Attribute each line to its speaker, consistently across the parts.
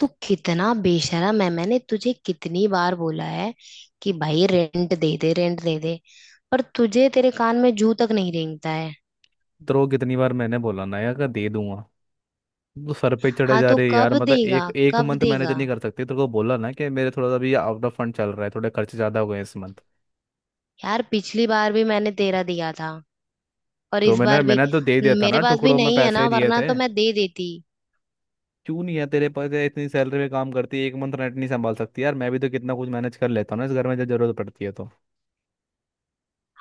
Speaker 1: तू कितना बेशरम है। मैंने तुझे कितनी बार बोला है कि भाई रेंट दे दे, रेंट दे दे, पर तुझे तेरे कान में जू तक नहीं रेंगता है।
Speaker 2: तो कितनी बार मैंने बोला ना, यार का दे दूंगा। तो सर पे चढ़े
Speaker 1: हाँ
Speaker 2: जा
Speaker 1: तो
Speaker 2: रहे यार,
Speaker 1: कब
Speaker 2: मतलब
Speaker 1: देगा,
Speaker 2: एक एक
Speaker 1: कब
Speaker 2: मंथ मैनेज
Speaker 1: देगा?
Speaker 2: नहीं कर सकते? तो तेरे को बोला ना कि मेरे थोड़ा सा भी आउट ऑफ फंड चल रहा है, थोड़े खर्चे ज्यादा हो गए इस मंथ।
Speaker 1: यार पिछली बार भी मैंने तेरा दिया था, और
Speaker 2: तो
Speaker 1: इस
Speaker 2: मैंने
Speaker 1: बार भी।
Speaker 2: मैंने तो दे दिया था ना,
Speaker 1: मेरे पास भी
Speaker 2: टुकड़ों में
Speaker 1: नहीं है ना,
Speaker 2: पैसे दिए
Speaker 1: वरना
Speaker 2: थे।
Speaker 1: तो मैं दे देती।
Speaker 2: क्यों नहीं है तेरे पास, है इतनी सैलरी में काम करती है, एक मंथ रेंट नहीं संभाल सकती? यार, मैं भी तो कितना कुछ मैनेज कर लेता हूँ ना इस घर में, जब जरूरत पड़ती है तो।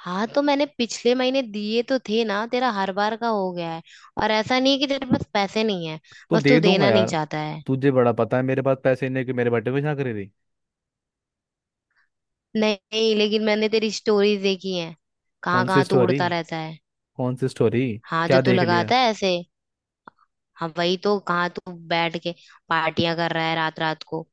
Speaker 1: हाँ तो मैंने पिछले महीने दिए तो थे ना, तेरा हर बार का हो गया है। और ऐसा नहीं है कि तेरे पास पैसे नहीं है,
Speaker 2: तो
Speaker 1: बस
Speaker 2: दे
Speaker 1: तू
Speaker 2: दूंगा
Speaker 1: देना नहीं
Speaker 2: यार।
Speaker 1: चाहता है।
Speaker 2: तुझे बड़ा पता है मेरे पास पैसे नहीं है, कि मेरे बर्थडे पे यहाँ करी रही।
Speaker 1: नहीं, लेकिन मैंने तेरी स्टोरीज देखी हैं। कहाँ
Speaker 2: कौन सी
Speaker 1: कहाँ तू
Speaker 2: स्टोरी?
Speaker 1: उड़ता रहता है।
Speaker 2: कौन सी स्टोरी?
Speaker 1: हाँ, जो
Speaker 2: क्या
Speaker 1: तू
Speaker 2: देख लिया?
Speaker 1: लगाता है ऐसे। हाँ वही तो, कहाँ तू बैठ के पार्टियां कर रहा है रात रात को।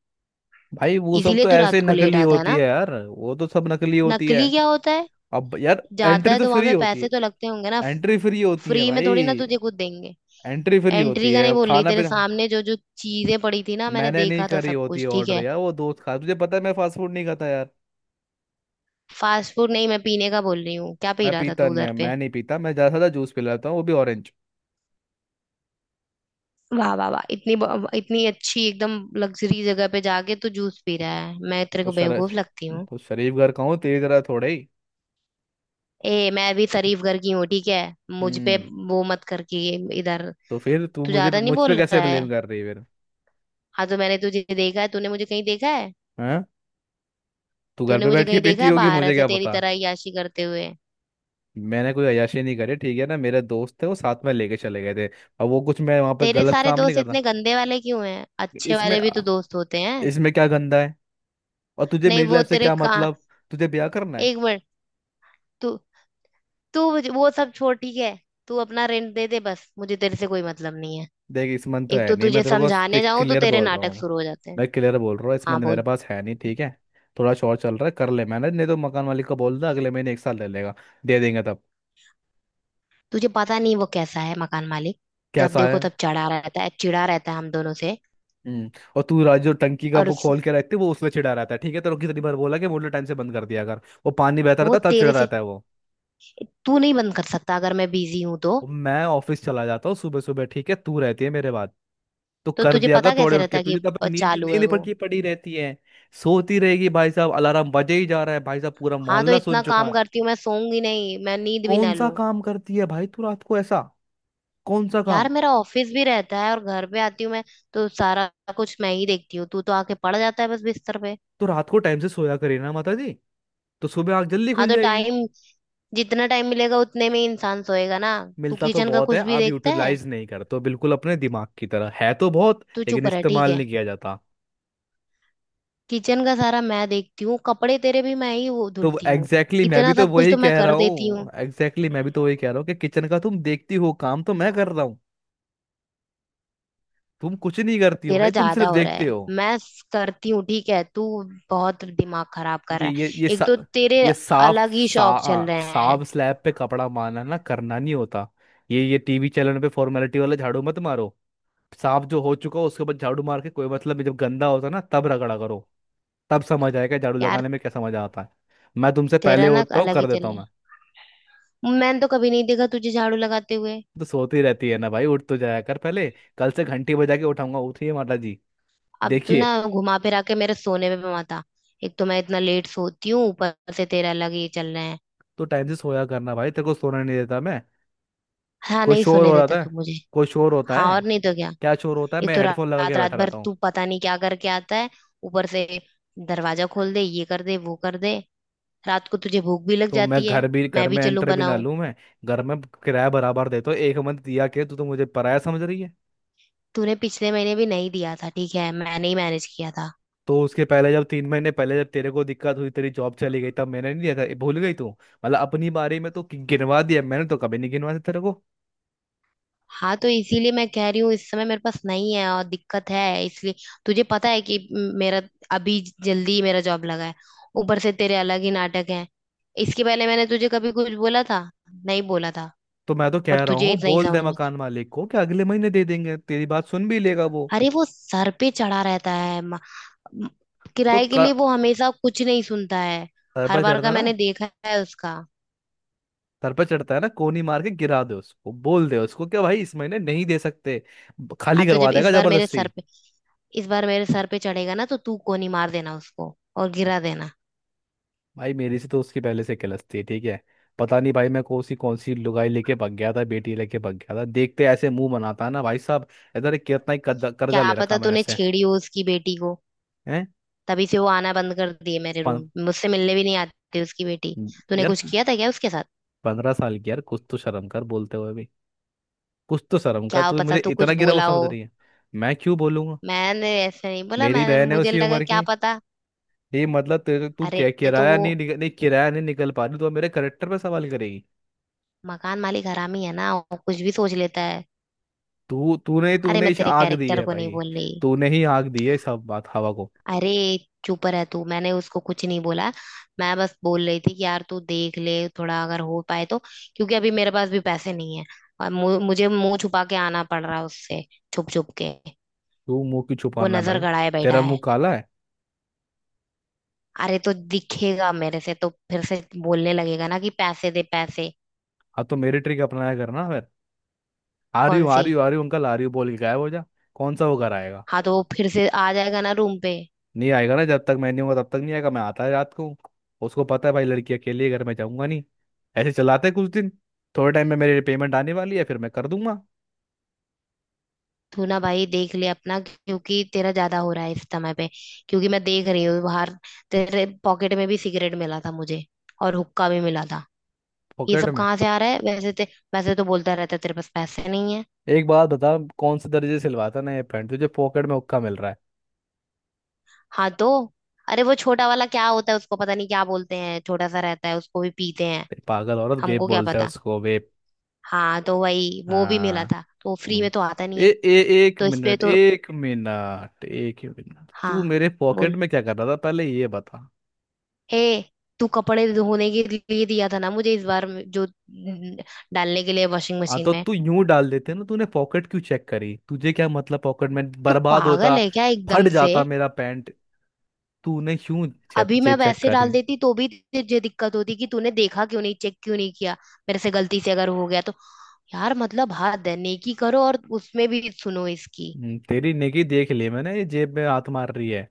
Speaker 2: भाई वो सब
Speaker 1: इसीलिए
Speaker 2: तो
Speaker 1: तू
Speaker 2: ऐसे
Speaker 1: रात को लेट
Speaker 2: नकली
Speaker 1: आता है
Speaker 2: होती
Speaker 1: ना।
Speaker 2: है यार, वो तो सब नकली होती है।
Speaker 1: नकली क्या होता है?
Speaker 2: अब यार
Speaker 1: जाता
Speaker 2: एंट्री
Speaker 1: है
Speaker 2: तो
Speaker 1: तो वहां
Speaker 2: फ्री
Speaker 1: पे
Speaker 2: होती
Speaker 1: पैसे तो
Speaker 2: है।
Speaker 1: लगते होंगे ना।
Speaker 2: एंट्री फ्री होती है
Speaker 1: फ्री में थोड़ी ना
Speaker 2: भाई।
Speaker 1: तुझे कुछ देंगे।
Speaker 2: एंट्री फ्री
Speaker 1: एंट्री
Speaker 2: होती
Speaker 1: का
Speaker 2: है,
Speaker 1: नहीं
Speaker 2: अब
Speaker 1: बोल रही,
Speaker 2: खाना
Speaker 1: तेरे
Speaker 2: पीना।
Speaker 1: सामने जो जो चीजें पड़ी थी ना मैंने
Speaker 2: मैंने नहीं
Speaker 1: देखा था,
Speaker 2: करी
Speaker 1: सब
Speaker 2: होती है
Speaker 1: कुछ ठीक
Speaker 2: ऑर्डर
Speaker 1: है।
Speaker 2: यार, वो दोस्त खा, तुझे पता है मैं फास्ट फूड नहीं खाता यार।
Speaker 1: फास्ट फूड नहीं, मैं पीने का बोल रही हूँ। क्या पी
Speaker 2: मैं
Speaker 1: रहा था
Speaker 2: पीता
Speaker 1: तू
Speaker 2: नहीं,
Speaker 1: उधर पे?
Speaker 2: मैं नहीं पीता, मैं ज़्यादा से ज़्यादा जूस पी लेता हूँ, वो भी ऑरेंज।
Speaker 1: वाह वाह वाह, इतनी इतनी अच्छी एकदम लग्जरी जगह पे जाके तू जूस पी रहा है। मैं तेरे
Speaker 2: तो
Speaker 1: को
Speaker 2: शर
Speaker 1: बेवकूफ लगती हूँ?
Speaker 2: तो शरीफ घर का हूँ, तेरी तरह थोड़े ही।
Speaker 1: ए, मैं भी शरीफ घर की हूँ ठीक है। मुझ पे
Speaker 2: हम्म।
Speaker 1: वो मत कर कि इधर।
Speaker 2: तो फिर तू
Speaker 1: तू ज्यादा नहीं
Speaker 2: मुझ पे
Speaker 1: बोल
Speaker 2: कैसे
Speaker 1: रहा
Speaker 2: ब्लेम
Speaker 1: है?
Speaker 2: कर रही है फिर?
Speaker 1: हाँ तो मैंने तुझे देखा है?
Speaker 2: हैं? तू घर
Speaker 1: तूने
Speaker 2: पे
Speaker 1: मुझे
Speaker 2: बैठ के
Speaker 1: कहीं देखा
Speaker 2: पीती
Speaker 1: है
Speaker 2: होगी,
Speaker 1: बाहर
Speaker 2: मुझे
Speaker 1: ऐसे
Speaker 2: क्या
Speaker 1: तेरी
Speaker 2: पता।
Speaker 1: तरह याशी करते हुए?
Speaker 2: मैंने कोई अय्याशी नहीं करी, ठीक है ना? मेरे दोस्त थे, वो साथ में लेके चले गए थे। अब वो कुछ, मैं वहां पे
Speaker 1: तेरे
Speaker 2: गलत
Speaker 1: सारे
Speaker 2: काम नहीं
Speaker 1: दोस्त
Speaker 2: करता।
Speaker 1: इतने गंदे वाले क्यों हैं? अच्छे
Speaker 2: इसमें,
Speaker 1: वाले भी तो दोस्त होते हैं।
Speaker 2: इसमें क्या गंदा है? और तुझे
Speaker 1: नहीं,
Speaker 2: मेरी
Speaker 1: वो
Speaker 2: लाइफ से
Speaker 1: तेरे
Speaker 2: क्या
Speaker 1: का,
Speaker 2: मतलब, तुझे ब्याह करना है?
Speaker 1: एक मिनट। तू तू मुझे- वो सब छोड़ ठीक है, तू अपना रेंट दे दे, बस मुझे तेरे से कोई मतलब नहीं है।
Speaker 2: देख, इस मन तो
Speaker 1: एक
Speaker 2: है
Speaker 1: तो
Speaker 2: नहीं, मैं
Speaker 1: तुझे
Speaker 2: तेरे को
Speaker 1: समझाने
Speaker 2: देख
Speaker 1: जाऊं तो
Speaker 2: क्लियर
Speaker 1: तेरे
Speaker 2: बोल रहा
Speaker 1: नाटक
Speaker 2: हूँ।
Speaker 1: शुरू हो जाते हैं।
Speaker 2: मैं क्लियर बोल रहा हूँ, इस
Speaker 1: हाँ
Speaker 2: मन मेरे
Speaker 1: बोल।
Speaker 2: पास है नहीं, ठीक है? थोड़ा शॉर्ट चल रहा है, कर ले, मैंने नहीं, तो मकान मालिक को बोल दे अगले महीने एक साल ले लेगा, दे देंगे तब।
Speaker 1: तुझे पता नहीं वो कैसा है मकान मालिक। जब
Speaker 2: कैसा
Speaker 1: देखो
Speaker 2: है?
Speaker 1: तब चढ़ा रहता है, चिढ़ा रहता है हम दोनों से।
Speaker 2: हम्म। और तू राज जो टंकी का
Speaker 1: और
Speaker 2: वो
Speaker 1: उस,
Speaker 2: खोल के रखते वो उसमें चिढ़ा रहता है, ठीक है? तेरे को कितनी बार बोला कि मोटर टाइम से बंद कर दिया अगर, वो पानी बहता रहता
Speaker 1: वो
Speaker 2: है, तब चिढ़ा
Speaker 1: तेरे से,
Speaker 2: रहता है वो।
Speaker 1: तू नहीं बंद कर सकता अगर मैं बिजी हूं तो?
Speaker 2: और मैं ऑफिस चला जाता हूँ सुबह सुबह, ठीक है? तू रहती है मेरे बाद। तो
Speaker 1: तो
Speaker 2: कर
Speaker 1: तुझे
Speaker 2: दिया कर
Speaker 1: पता
Speaker 2: थोड़े
Speaker 1: कैसे
Speaker 2: उठ के,
Speaker 1: रहता है कि
Speaker 2: तुझे तो अपनी नींद
Speaker 1: चालू है
Speaker 2: नींद
Speaker 1: वो।
Speaker 2: पड़की पड़ी रहती है। सोती रहेगी भाई साहब, अलार्म बजे ही जा रहा है भाई साहब, पूरा
Speaker 1: हाँ तो
Speaker 2: मोहल्ला
Speaker 1: इतना
Speaker 2: सुन चुका
Speaker 1: काम
Speaker 2: है।
Speaker 1: करती हूँ मैं, सोऊंगी नहीं? मैं नींद भी
Speaker 2: कौन
Speaker 1: ना
Speaker 2: सा
Speaker 1: लूं?
Speaker 2: काम करती है भाई तू रात को ऐसा? कौन सा
Speaker 1: यार
Speaker 2: काम?
Speaker 1: मेरा ऑफिस भी रहता है, और घर पे आती हूँ मैं, तो सारा कुछ मैं ही देखती हूँ। तू तो आके पड़ जाता है बस बिस्तर पे।
Speaker 2: तो रात को टाइम से सोया करे ना माता जी, तो सुबह आंख जल्दी
Speaker 1: हाँ
Speaker 2: खुल
Speaker 1: तो
Speaker 2: जाएगी।
Speaker 1: टाइम जितना टाइम मिलेगा उतने में ही इंसान सोएगा ना। तू
Speaker 2: मिलता तो
Speaker 1: किचन का
Speaker 2: बहुत है,
Speaker 1: कुछ भी
Speaker 2: आप
Speaker 1: देखता है?
Speaker 2: यूटिलाइज नहीं करते हो, बिल्कुल अपने दिमाग की तरह, है तो बहुत
Speaker 1: तू
Speaker 2: लेकिन
Speaker 1: चुप रह ठीक
Speaker 2: इस्तेमाल
Speaker 1: है।
Speaker 2: नहीं किया जाता।
Speaker 1: किचन का सारा मैं देखती हूँ, कपड़े तेरे भी मैं ही वो
Speaker 2: तो
Speaker 1: धुलती हूँ।
Speaker 2: एग्जैक्टली exactly, मैं भी
Speaker 1: इतना
Speaker 2: तो
Speaker 1: सब कुछ
Speaker 2: वही
Speaker 1: तो मैं
Speaker 2: कह रहा
Speaker 1: कर देती हूँ।
Speaker 2: हूँ, एग्जैक्टली exactly, मैं भी तो वही कह रहा हूँ कि किचन का तुम देखती हो, काम तो मैं कर रहा हूँ। तुम कुछ नहीं करती हो
Speaker 1: तेरा
Speaker 2: भाई, तुम
Speaker 1: ज्यादा
Speaker 2: सिर्फ
Speaker 1: हो रहा है।
Speaker 2: देखते हो।
Speaker 1: मैं करती हूँ ठीक है, तू बहुत दिमाग खराब कर रहा
Speaker 2: ये
Speaker 1: है। एक
Speaker 2: सा,
Speaker 1: तो तेरे
Speaker 2: ये साफ
Speaker 1: अलग ही
Speaker 2: सा
Speaker 1: शौक
Speaker 2: आ,
Speaker 1: चल रहे हैं।
Speaker 2: साफ स्लैब पे कपड़ा मारना ना, करना नहीं होता। ये टीवी चैनल पे फॉर्मेलिटी वाला झाड़ू मत मारो। साफ जो हो चुका हो उसके बाद झाड़ू मार के कोई मतलब नहीं, जब गंदा होता ना तब रगड़ा करो। तब समझ आएगा झाड़ू
Speaker 1: यार
Speaker 2: लगाने में क्या समझ आता है। मैं तुमसे पहले
Speaker 1: तेरा ना
Speaker 2: उठता हूँ,
Speaker 1: अलग ही
Speaker 2: कर देता
Speaker 1: चल
Speaker 2: हूँ
Speaker 1: रहा
Speaker 2: मैं।
Speaker 1: है, मैंने तो कभी नहीं देखा तुझे झाड़ू लगाते हुए।
Speaker 2: तो सोती रहती है ना भाई, उठ तो जाया कर पहले। कल से घंटी बजा के उठाऊंगा, उठिए माता जी।
Speaker 1: अब तू ना
Speaker 2: देखिए,
Speaker 1: घुमा फिरा के मेरे सोने में भी मत आ। एक तो मैं इतना लेट सोती हूँ, ऊपर से तेरा अलग ही चल रहा है।
Speaker 2: तो टाइम से सोया करना भाई, तेरे को सोने नहीं देता मैं?
Speaker 1: हाँ,
Speaker 2: कोई
Speaker 1: नहीं
Speaker 2: शोर
Speaker 1: सुने
Speaker 2: हो रहा
Speaker 1: देता
Speaker 2: था?
Speaker 1: तू मुझे।
Speaker 2: कोई शोर होता
Speaker 1: हाँ,
Speaker 2: है?
Speaker 1: और नहीं तो क्या।
Speaker 2: क्या शोर होता है,
Speaker 1: एक
Speaker 2: मैं
Speaker 1: तो
Speaker 2: हेडफोन लगा के
Speaker 1: रात रात
Speaker 2: बैठा
Speaker 1: भर
Speaker 2: रहता हूँ।
Speaker 1: तू पता नहीं क्या करके आता है। ऊपर से दरवाजा खोल दे, ये कर दे, वो कर दे, रात को तुझे भूख भी लग
Speaker 2: तो मैं
Speaker 1: जाती है।
Speaker 2: घर भी, घर
Speaker 1: मैं भी
Speaker 2: में
Speaker 1: चलूं
Speaker 2: एंटर भी ना
Speaker 1: बनाऊं?
Speaker 2: लूँ मैं? घर में किराया बराबर देता हूँ, एक मंथ दिया के तू तो मुझे पराया समझ रही है।
Speaker 1: तूने पिछले महीने भी नहीं दिया था ठीक है, मैंने ही मैनेज किया था।
Speaker 2: तो उसके पहले जब 3 महीने पहले जब तेरे को दिक्कत हुई, तेरी जॉब चली गई, तब मैंने नहीं दिया था? ये भूल गई तू? मतलब अपनी बारे में तो गिनवा दिया, मैंने तो कभी नहीं गिनवा दिया तेरे को।
Speaker 1: हाँ तो इसीलिए मैं कह रही हूँ इस समय मेरे पास नहीं है, और दिक्कत है इसलिए। तुझे पता है कि मेरा, अभी जल्दी ही मेरा जॉब लगा है, ऊपर से तेरे अलग ही नाटक है। इसके पहले मैंने तुझे कभी कुछ बोला था? नहीं बोला था।
Speaker 2: तो मैं तो
Speaker 1: पर
Speaker 2: कह रहा
Speaker 1: तुझे
Speaker 2: हूँ
Speaker 1: नहीं
Speaker 2: बोल
Speaker 1: समझ
Speaker 2: दे
Speaker 1: में।
Speaker 2: मकान मालिक को कि अगले महीने दे देंगे, तेरी बात सुन भी लेगा वो।
Speaker 1: अरे वो सर पे चढ़ा रहता है म-
Speaker 2: तो
Speaker 1: किराए के
Speaker 2: क-
Speaker 1: लिए, वो हमेशा कुछ नहीं सुनता है।
Speaker 2: सर
Speaker 1: हर
Speaker 2: पर
Speaker 1: बार का
Speaker 2: चढ़ता ना,
Speaker 1: मैंने देखा है उसका।
Speaker 2: सर पर चढ़ता है ना, कोनी मार के गिरा दे उसको, बोल दे उसको कि भाई इस महीने नहीं दे सकते।
Speaker 1: हाँ
Speaker 2: खाली
Speaker 1: तो
Speaker 2: करवा
Speaker 1: जब
Speaker 2: देगा
Speaker 1: इस बार मेरे सर
Speaker 2: जबरदस्ती।
Speaker 1: पे इस बार मेरे सर पे चढ़ेगा ना, तो तू कोनी मार देना उसको और गिरा देना।
Speaker 2: भाई मेरी से तो उसकी पहले से कलस्ती है, ठीक है? पता नहीं भाई मैं कौन सी लुगाई लेके भाग गया था, बेटी लेके भाग गया था, देखते ऐसे मुंह बनाता है ना भाई साहब। इधर कितना ही कर्जा
Speaker 1: क्या
Speaker 2: कर्जा ले रखा
Speaker 1: पता
Speaker 2: मैंने
Speaker 1: तूने
Speaker 2: से।
Speaker 1: छेड़ी हो उसकी बेटी को,
Speaker 2: हैं?
Speaker 1: तभी से वो आना बंद कर दी है मेरे
Speaker 2: पं-
Speaker 1: रूम, मुझसे मिलने भी नहीं आती उसकी बेटी। तूने
Speaker 2: यार
Speaker 1: कुछ किया था क्या उसके साथ?
Speaker 2: 15 साल की यार, कुछ तो शर्म कर बोलते हुए भी। कुछ तो शर्म का,
Speaker 1: क्या
Speaker 2: तू मुझे
Speaker 1: पता तू
Speaker 2: इतना
Speaker 1: कुछ
Speaker 2: गिरा वो
Speaker 1: बोला
Speaker 2: समझ
Speaker 1: हो।
Speaker 2: रही है? मैं क्यों बोलूंगा?
Speaker 1: मैंने ऐसे नहीं बोला,
Speaker 2: मेरी
Speaker 1: मैंने,
Speaker 2: बहन है
Speaker 1: मुझे
Speaker 2: उसी
Speaker 1: लगा
Speaker 2: उम्र
Speaker 1: क्या
Speaker 2: की।
Speaker 1: पता।
Speaker 2: ये मतलब तेरे, तू
Speaker 1: अरे
Speaker 2: क्या,
Speaker 1: ये तो वो
Speaker 2: किराया नहीं निकल पा रही तो अब मेरे करेक्टर पे सवाल करेगी?
Speaker 1: मकान मालिक हरामी है ना, वो कुछ भी सोच लेता है।
Speaker 2: तू तूने
Speaker 1: अरे
Speaker 2: तूने
Speaker 1: मैं
Speaker 2: इस
Speaker 1: तेरे
Speaker 2: आग दी
Speaker 1: कैरेक्टर
Speaker 2: है
Speaker 1: को नहीं
Speaker 2: भाई,
Speaker 1: बोल रही।
Speaker 2: तूने ही आग दी है सब बात हवा को।
Speaker 1: अरे चुप रह तू, मैंने उसको कुछ नहीं बोला। मैं बस बोल रही थी कि यार तू देख ले थोड़ा अगर हो पाए तो, क्योंकि अभी मेरे पास भी पैसे नहीं है। और मुझे मुंह छुपा के आना पड़ रहा है उससे, छुप छुप के।
Speaker 2: तू मुंह क्यों
Speaker 1: वो
Speaker 2: छुपाना है
Speaker 1: नजर
Speaker 2: भाई,
Speaker 1: गड़ाए बैठा
Speaker 2: तेरा
Speaker 1: है,
Speaker 2: मुंह काला है?
Speaker 1: अरे तो दिखेगा मेरे से तो फिर से बोलने लगेगा ना कि पैसे दे पैसे।
Speaker 2: हाँ तो मेरी ट्रिक अपनाया करना फिर। आ रही
Speaker 1: कौन
Speaker 2: हूँ आ
Speaker 1: सी?
Speaker 2: रही हूँ आ रही हूँ अंकल, आ रही हूँ बोल के गायब हो जा। कौन सा वो घर आएगा?
Speaker 1: हाँ तो वो फिर से आ जाएगा ना रूम पे।
Speaker 2: नहीं आएगा ना, जब तक मैं नहीं होगा तब तक नहीं आएगा, मैं आता है रात को। उसको पता है भाई लड़की अकेली है घर में, जाऊंगा नहीं। ऐसे चलाते हैं कुछ दिन। थोड़े टाइम में मेरी पेमेंट आने वाली है, फिर मैं कर दूंगा।
Speaker 1: तू ना भाई देख ले अपना, क्योंकि तेरा ज्यादा हो रहा है इस समय पे। क्योंकि मैं देख रही हूँ बाहर तेरे पॉकेट में भी सिगरेट मिला था मुझे, और हुक्का भी मिला था। ये
Speaker 2: पॉकेट
Speaker 1: सब
Speaker 2: में?
Speaker 1: कहाँ से आ रहा है? वैसे वैसे तो बोलता रहता है तेरे पास पैसे नहीं है।
Speaker 2: एक बात बता, कौन से दर्जे से सिलवाता ना ये पैंट, तुझे पॉकेट में हुक्का मिल रहा है?
Speaker 1: हाँ तो, अरे वो छोटा वाला क्या होता है, उसको पता नहीं क्या बोलते हैं, छोटा सा रहता है, उसको भी पीते हैं।
Speaker 2: तेरी पागल औरत, वेप
Speaker 1: हमको क्या
Speaker 2: बोलता है
Speaker 1: पता।
Speaker 2: उसको, वेप।
Speaker 1: हाँ तो वही, वो भी मिला
Speaker 2: हाँ।
Speaker 1: था, तो फ्री
Speaker 2: हम्म।
Speaker 1: में तो आता नहीं
Speaker 2: ए,
Speaker 1: है।
Speaker 2: ए,
Speaker 1: तो इस पे तो,
Speaker 2: एक ही मिनट,
Speaker 1: हाँ
Speaker 2: तू मेरे पॉकेट
Speaker 1: बोल।
Speaker 2: में क्या कर रहा था पहले ये बता।
Speaker 1: ए, तू कपड़े धोने के लिए दिया था ना मुझे, इस बार में- जो न- डालने के लिए वॉशिंग
Speaker 2: हाँ
Speaker 1: मशीन
Speaker 2: तो
Speaker 1: में।
Speaker 2: तू यूं डाल देते ना, तूने पॉकेट क्यों चेक करी? तुझे क्या मतलब, पॉकेट में
Speaker 1: तू
Speaker 2: बर्बाद होता,
Speaker 1: पागल है क्या
Speaker 2: फट
Speaker 1: एकदम से?
Speaker 2: जाता मेरा पैंट। तूने क्यों चेक
Speaker 1: अभी
Speaker 2: ये
Speaker 1: मैं
Speaker 2: चेक
Speaker 1: वैसे
Speaker 2: करी?
Speaker 1: डाल देती तो भी तुझे दिक्कत होती कि तूने देखा क्यों नहीं, चेक क्यों नहीं किया? मेरे से गलती से अगर हो गया तो? यार मतलब हद है, नेकी करो और उसमें भी सुनो इसकी।
Speaker 2: तेरी नेकी देख ली मैंने, ये जेब में हाथ मार रही है।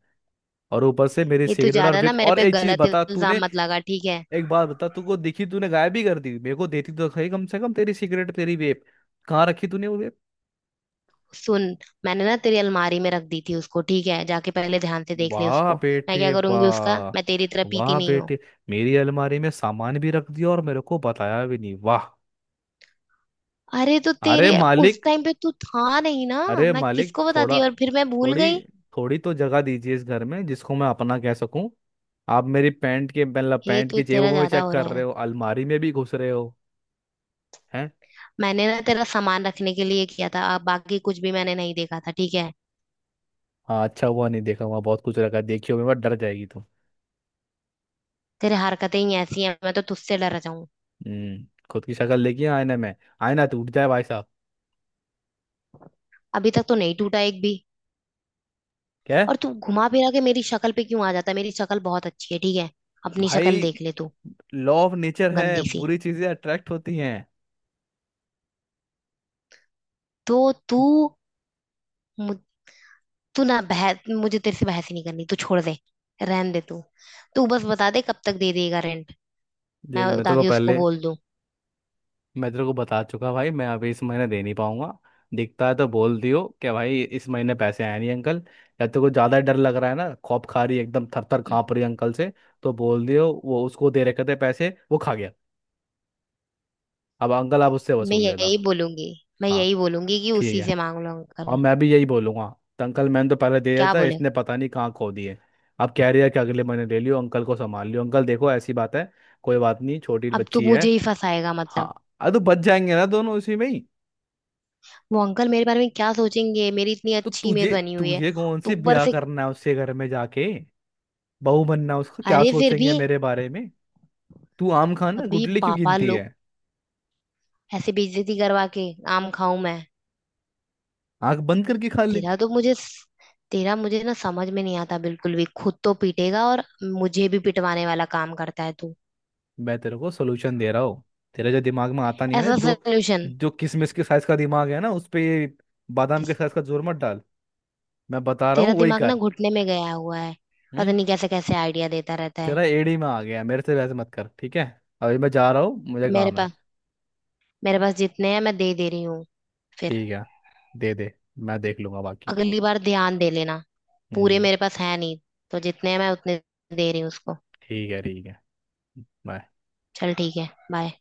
Speaker 2: और ऊपर से मेरी
Speaker 1: ये तू
Speaker 2: सिगरेट और
Speaker 1: ज्यादा ना
Speaker 2: विप,
Speaker 1: मेरे
Speaker 2: और
Speaker 1: पे
Speaker 2: एक चीज
Speaker 1: गलत
Speaker 2: बता तूने,
Speaker 1: इल्जाम मत लगा ठीक है।
Speaker 2: एक बात बता तूको दिखी, तूने गायब ही कर दी, मेरे को देती तो सही कम से कम, तेरी सिगरेट तेरी वेप। कहाँ रखी तूने वो वेप?
Speaker 1: सुन, मैंने ना तेरी अलमारी में रख दी थी उसको ठीक है, जाके पहले ध्यान से देख ले
Speaker 2: वाह
Speaker 1: उसको। मैं
Speaker 2: बेटे
Speaker 1: क्या करूंगी उसका,
Speaker 2: वाह।
Speaker 1: मैं तेरी तरह पीती
Speaker 2: वाह
Speaker 1: नहीं हूँ।
Speaker 2: बेटे। मेरी अलमारी में सामान भी रख दिया और मेरे को बताया भी नहीं, वाह।
Speaker 1: अरे तो
Speaker 2: अरे
Speaker 1: तेरे उस
Speaker 2: मालिक।
Speaker 1: टाइम पे तू था नहीं ना,
Speaker 2: अरे
Speaker 1: मैं
Speaker 2: मालिक
Speaker 1: किसको
Speaker 2: थोड़ा
Speaker 1: बताती, और फिर मैं भूल
Speaker 2: थोड़ी,
Speaker 1: गई।
Speaker 2: थोड़ी तो जगह दीजिए इस घर में जिसको मैं अपना कह सकूं। आप मेरी पैंट के, मतलब
Speaker 1: ये
Speaker 2: पैंट
Speaker 1: तो
Speaker 2: की
Speaker 1: तेरा
Speaker 2: जेबों में
Speaker 1: ज्यादा
Speaker 2: चेक
Speaker 1: हो रहा
Speaker 2: कर
Speaker 1: है
Speaker 2: रहे
Speaker 1: ना।
Speaker 2: हो, अलमारी में भी घुस रहे हो? हैं?
Speaker 1: मैंने ना तेरा सामान रखने के लिए किया था, अब बाकी कुछ भी मैंने नहीं देखा था ठीक है।
Speaker 2: हाँ अच्छा हुआ नहीं देखा, वहाँ बहुत कुछ रखा है। देखी होगी मत, डर जाएगी तुम।
Speaker 1: तेरे हरकतें ही ऐसी हैं, मैं तो तुझसे डर जाऊं।
Speaker 2: हम्म। खुद की शक्ल देखी है आईने में? आईना टूट जाए भाई साहब।
Speaker 1: अभी तक तो नहीं टूटा एक भी।
Speaker 2: क्या?
Speaker 1: और तू घुमा फिरा के मेरी शक्ल पे क्यों आ जाता है, मेरी शक्ल बहुत अच्छी है ठीक है। अपनी शक्ल
Speaker 2: भाई,
Speaker 1: देख ले तू,
Speaker 2: लॉ ऑफ नेचर है,
Speaker 1: गंदी सी।
Speaker 2: बुरी चीजें अट्रैक्ट होती हैं।
Speaker 1: तो तू मु- तू ना बहस, मुझे तेरे से बहस ही नहीं करनी, तू छोड़ दे, रहन दे तू। तू बस बता दे कब तक दे देगा रेंट, मैं
Speaker 2: देख मैं तो को
Speaker 1: ताकि उसको
Speaker 2: पहले,
Speaker 1: बोल दूं।
Speaker 2: मैं तेरे को बता चुका भाई, मैं अभी इस महीने दे नहीं पाऊंगा। दिखता है तो बोल दियो कि भाई इस महीने पैसे आए नहीं अंकल। या तेरे को ज़्यादा डर लग रहा है ना, खौफ खा रही है, एकदम थर थर काँप रही है अंकल से, तो बोल दियो वो उसको दे रखे थे पैसे, वो खा गया। अब अंकल आप उससे
Speaker 1: मैं
Speaker 2: वसूल लेना।
Speaker 1: यही बोलूंगी, मैं
Speaker 2: हाँ
Speaker 1: यही बोलूंगी कि
Speaker 2: ठीक
Speaker 1: उसी
Speaker 2: है,
Speaker 1: से मांग लो
Speaker 2: और
Speaker 1: अंकल।
Speaker 2: मैं भी यही बोलूंगा, तो अंकल मैंने तो पहले दे दिया
Speaker 1: क्या
Speaker 2: था,
Speaker 1: बोले?
Speaker 2: इसने पता नहीं कहाँ खो दिए। अब कह रही है कि अगले महीने ले लियो अंकल, को संभाल लियो अंकल, देखो ऐसी बात है। कोई बात नहीं, छोटी
Speaker 1: अब तो
Speaker 2: बच्ची है।
Speaker 1: मुझे ही फंसाएगा
Speaker 2: हाँ
Speaker 1: मतलब।
Speaker 2: अरे तो बच जाएंगे ना दोनों उसी में ही।
Speaker 1: वो अंकल मेरे बारे में क्या सोचेंगे, मेरी इतनी
Speaker 2: तो
Speaker 1: अच्छी इमेज
Speaker 2: तुझे
Speaker 1: बनी हुई है।
Speaker 2: तुझे कौन
Speaker 1: तो
Speaker 2: से
Speaker 1: ऊपर
Speaker 2: ब्याह
Speaker 1: से,
Speaker 2: करना है उसके घर में जाके, बहू बनना है उसका, क्या
Speaker 1: अरे फिर भी
Speaker 2: सोचेंगे मेरे बारे में? तू आम खाना
Speaker 1: अभी
Speaker 2: गुटली क्यों
Speaker 1: पापा
Speaker 2: गिनती
Speaker 1: लोग,
Speaker 2: है?
Speaker 1: ऐसे बेइज्जती करवा के आम खाऊं मैं?
Speaker 2: आंख बंद करके खा ले।
Speaker 1: तेरा तो मुझे तेरा मुझे ना समझ में नहीं आता बिल्कुल भी, खुद तो पीटेगा और मुझे भी पिटवाने वाला काम करता है तू।
Speaker 2: मैं तेरे को सोल्यूशन दे रहा हूँ, तेरे जो दिमाग में आता नहीं है ना
Speaker 1: ऐसा
Speaker 2: दो,
Speaker 1: सोल्यूशन।
Speaker 2: जो किशमिश के साइज का दिमाग है ना उस पे ये बादाम के साइज का जोर मत डाल। मैं बता रहा
Speaker 1: तेरा
Speaker 2: हूँ वही
Speaker 1: दिमाग ना
Speaker 2: कर।
Speaker 1: घुटने में गया हुआ है, पता
Speaker 2: हम्म।
Speaker 1: नहीं कैसे कैसे आइडिया देता रहता है।
Speaker 2: तेरा एड़ी में आ गया, मेरे से वैसे मत कर, ठीक है? अभी मैं जा रहा हूँ, मुझे
Speaker 1: मेरे
Speaker 2: काम है।
Speaker 1: पास मेरे पास जितने हैं मैं दे दे रही हूँ फिर।
Speaker 2: ठीक है दे दे, मैं देख लूंगा बाकी।
Speaker 1: अगली बार ध्यान दे लेना। पूरे
Speaker 2: हम्म।
Speaker 1: मेरे पास है नहीं, तो जितने हैं मैं उतने दे रही हूँ उसको।
Speaker 2: ठीक है ठीक है। बाय।
Speaker 1: चल ठीक है, बाय।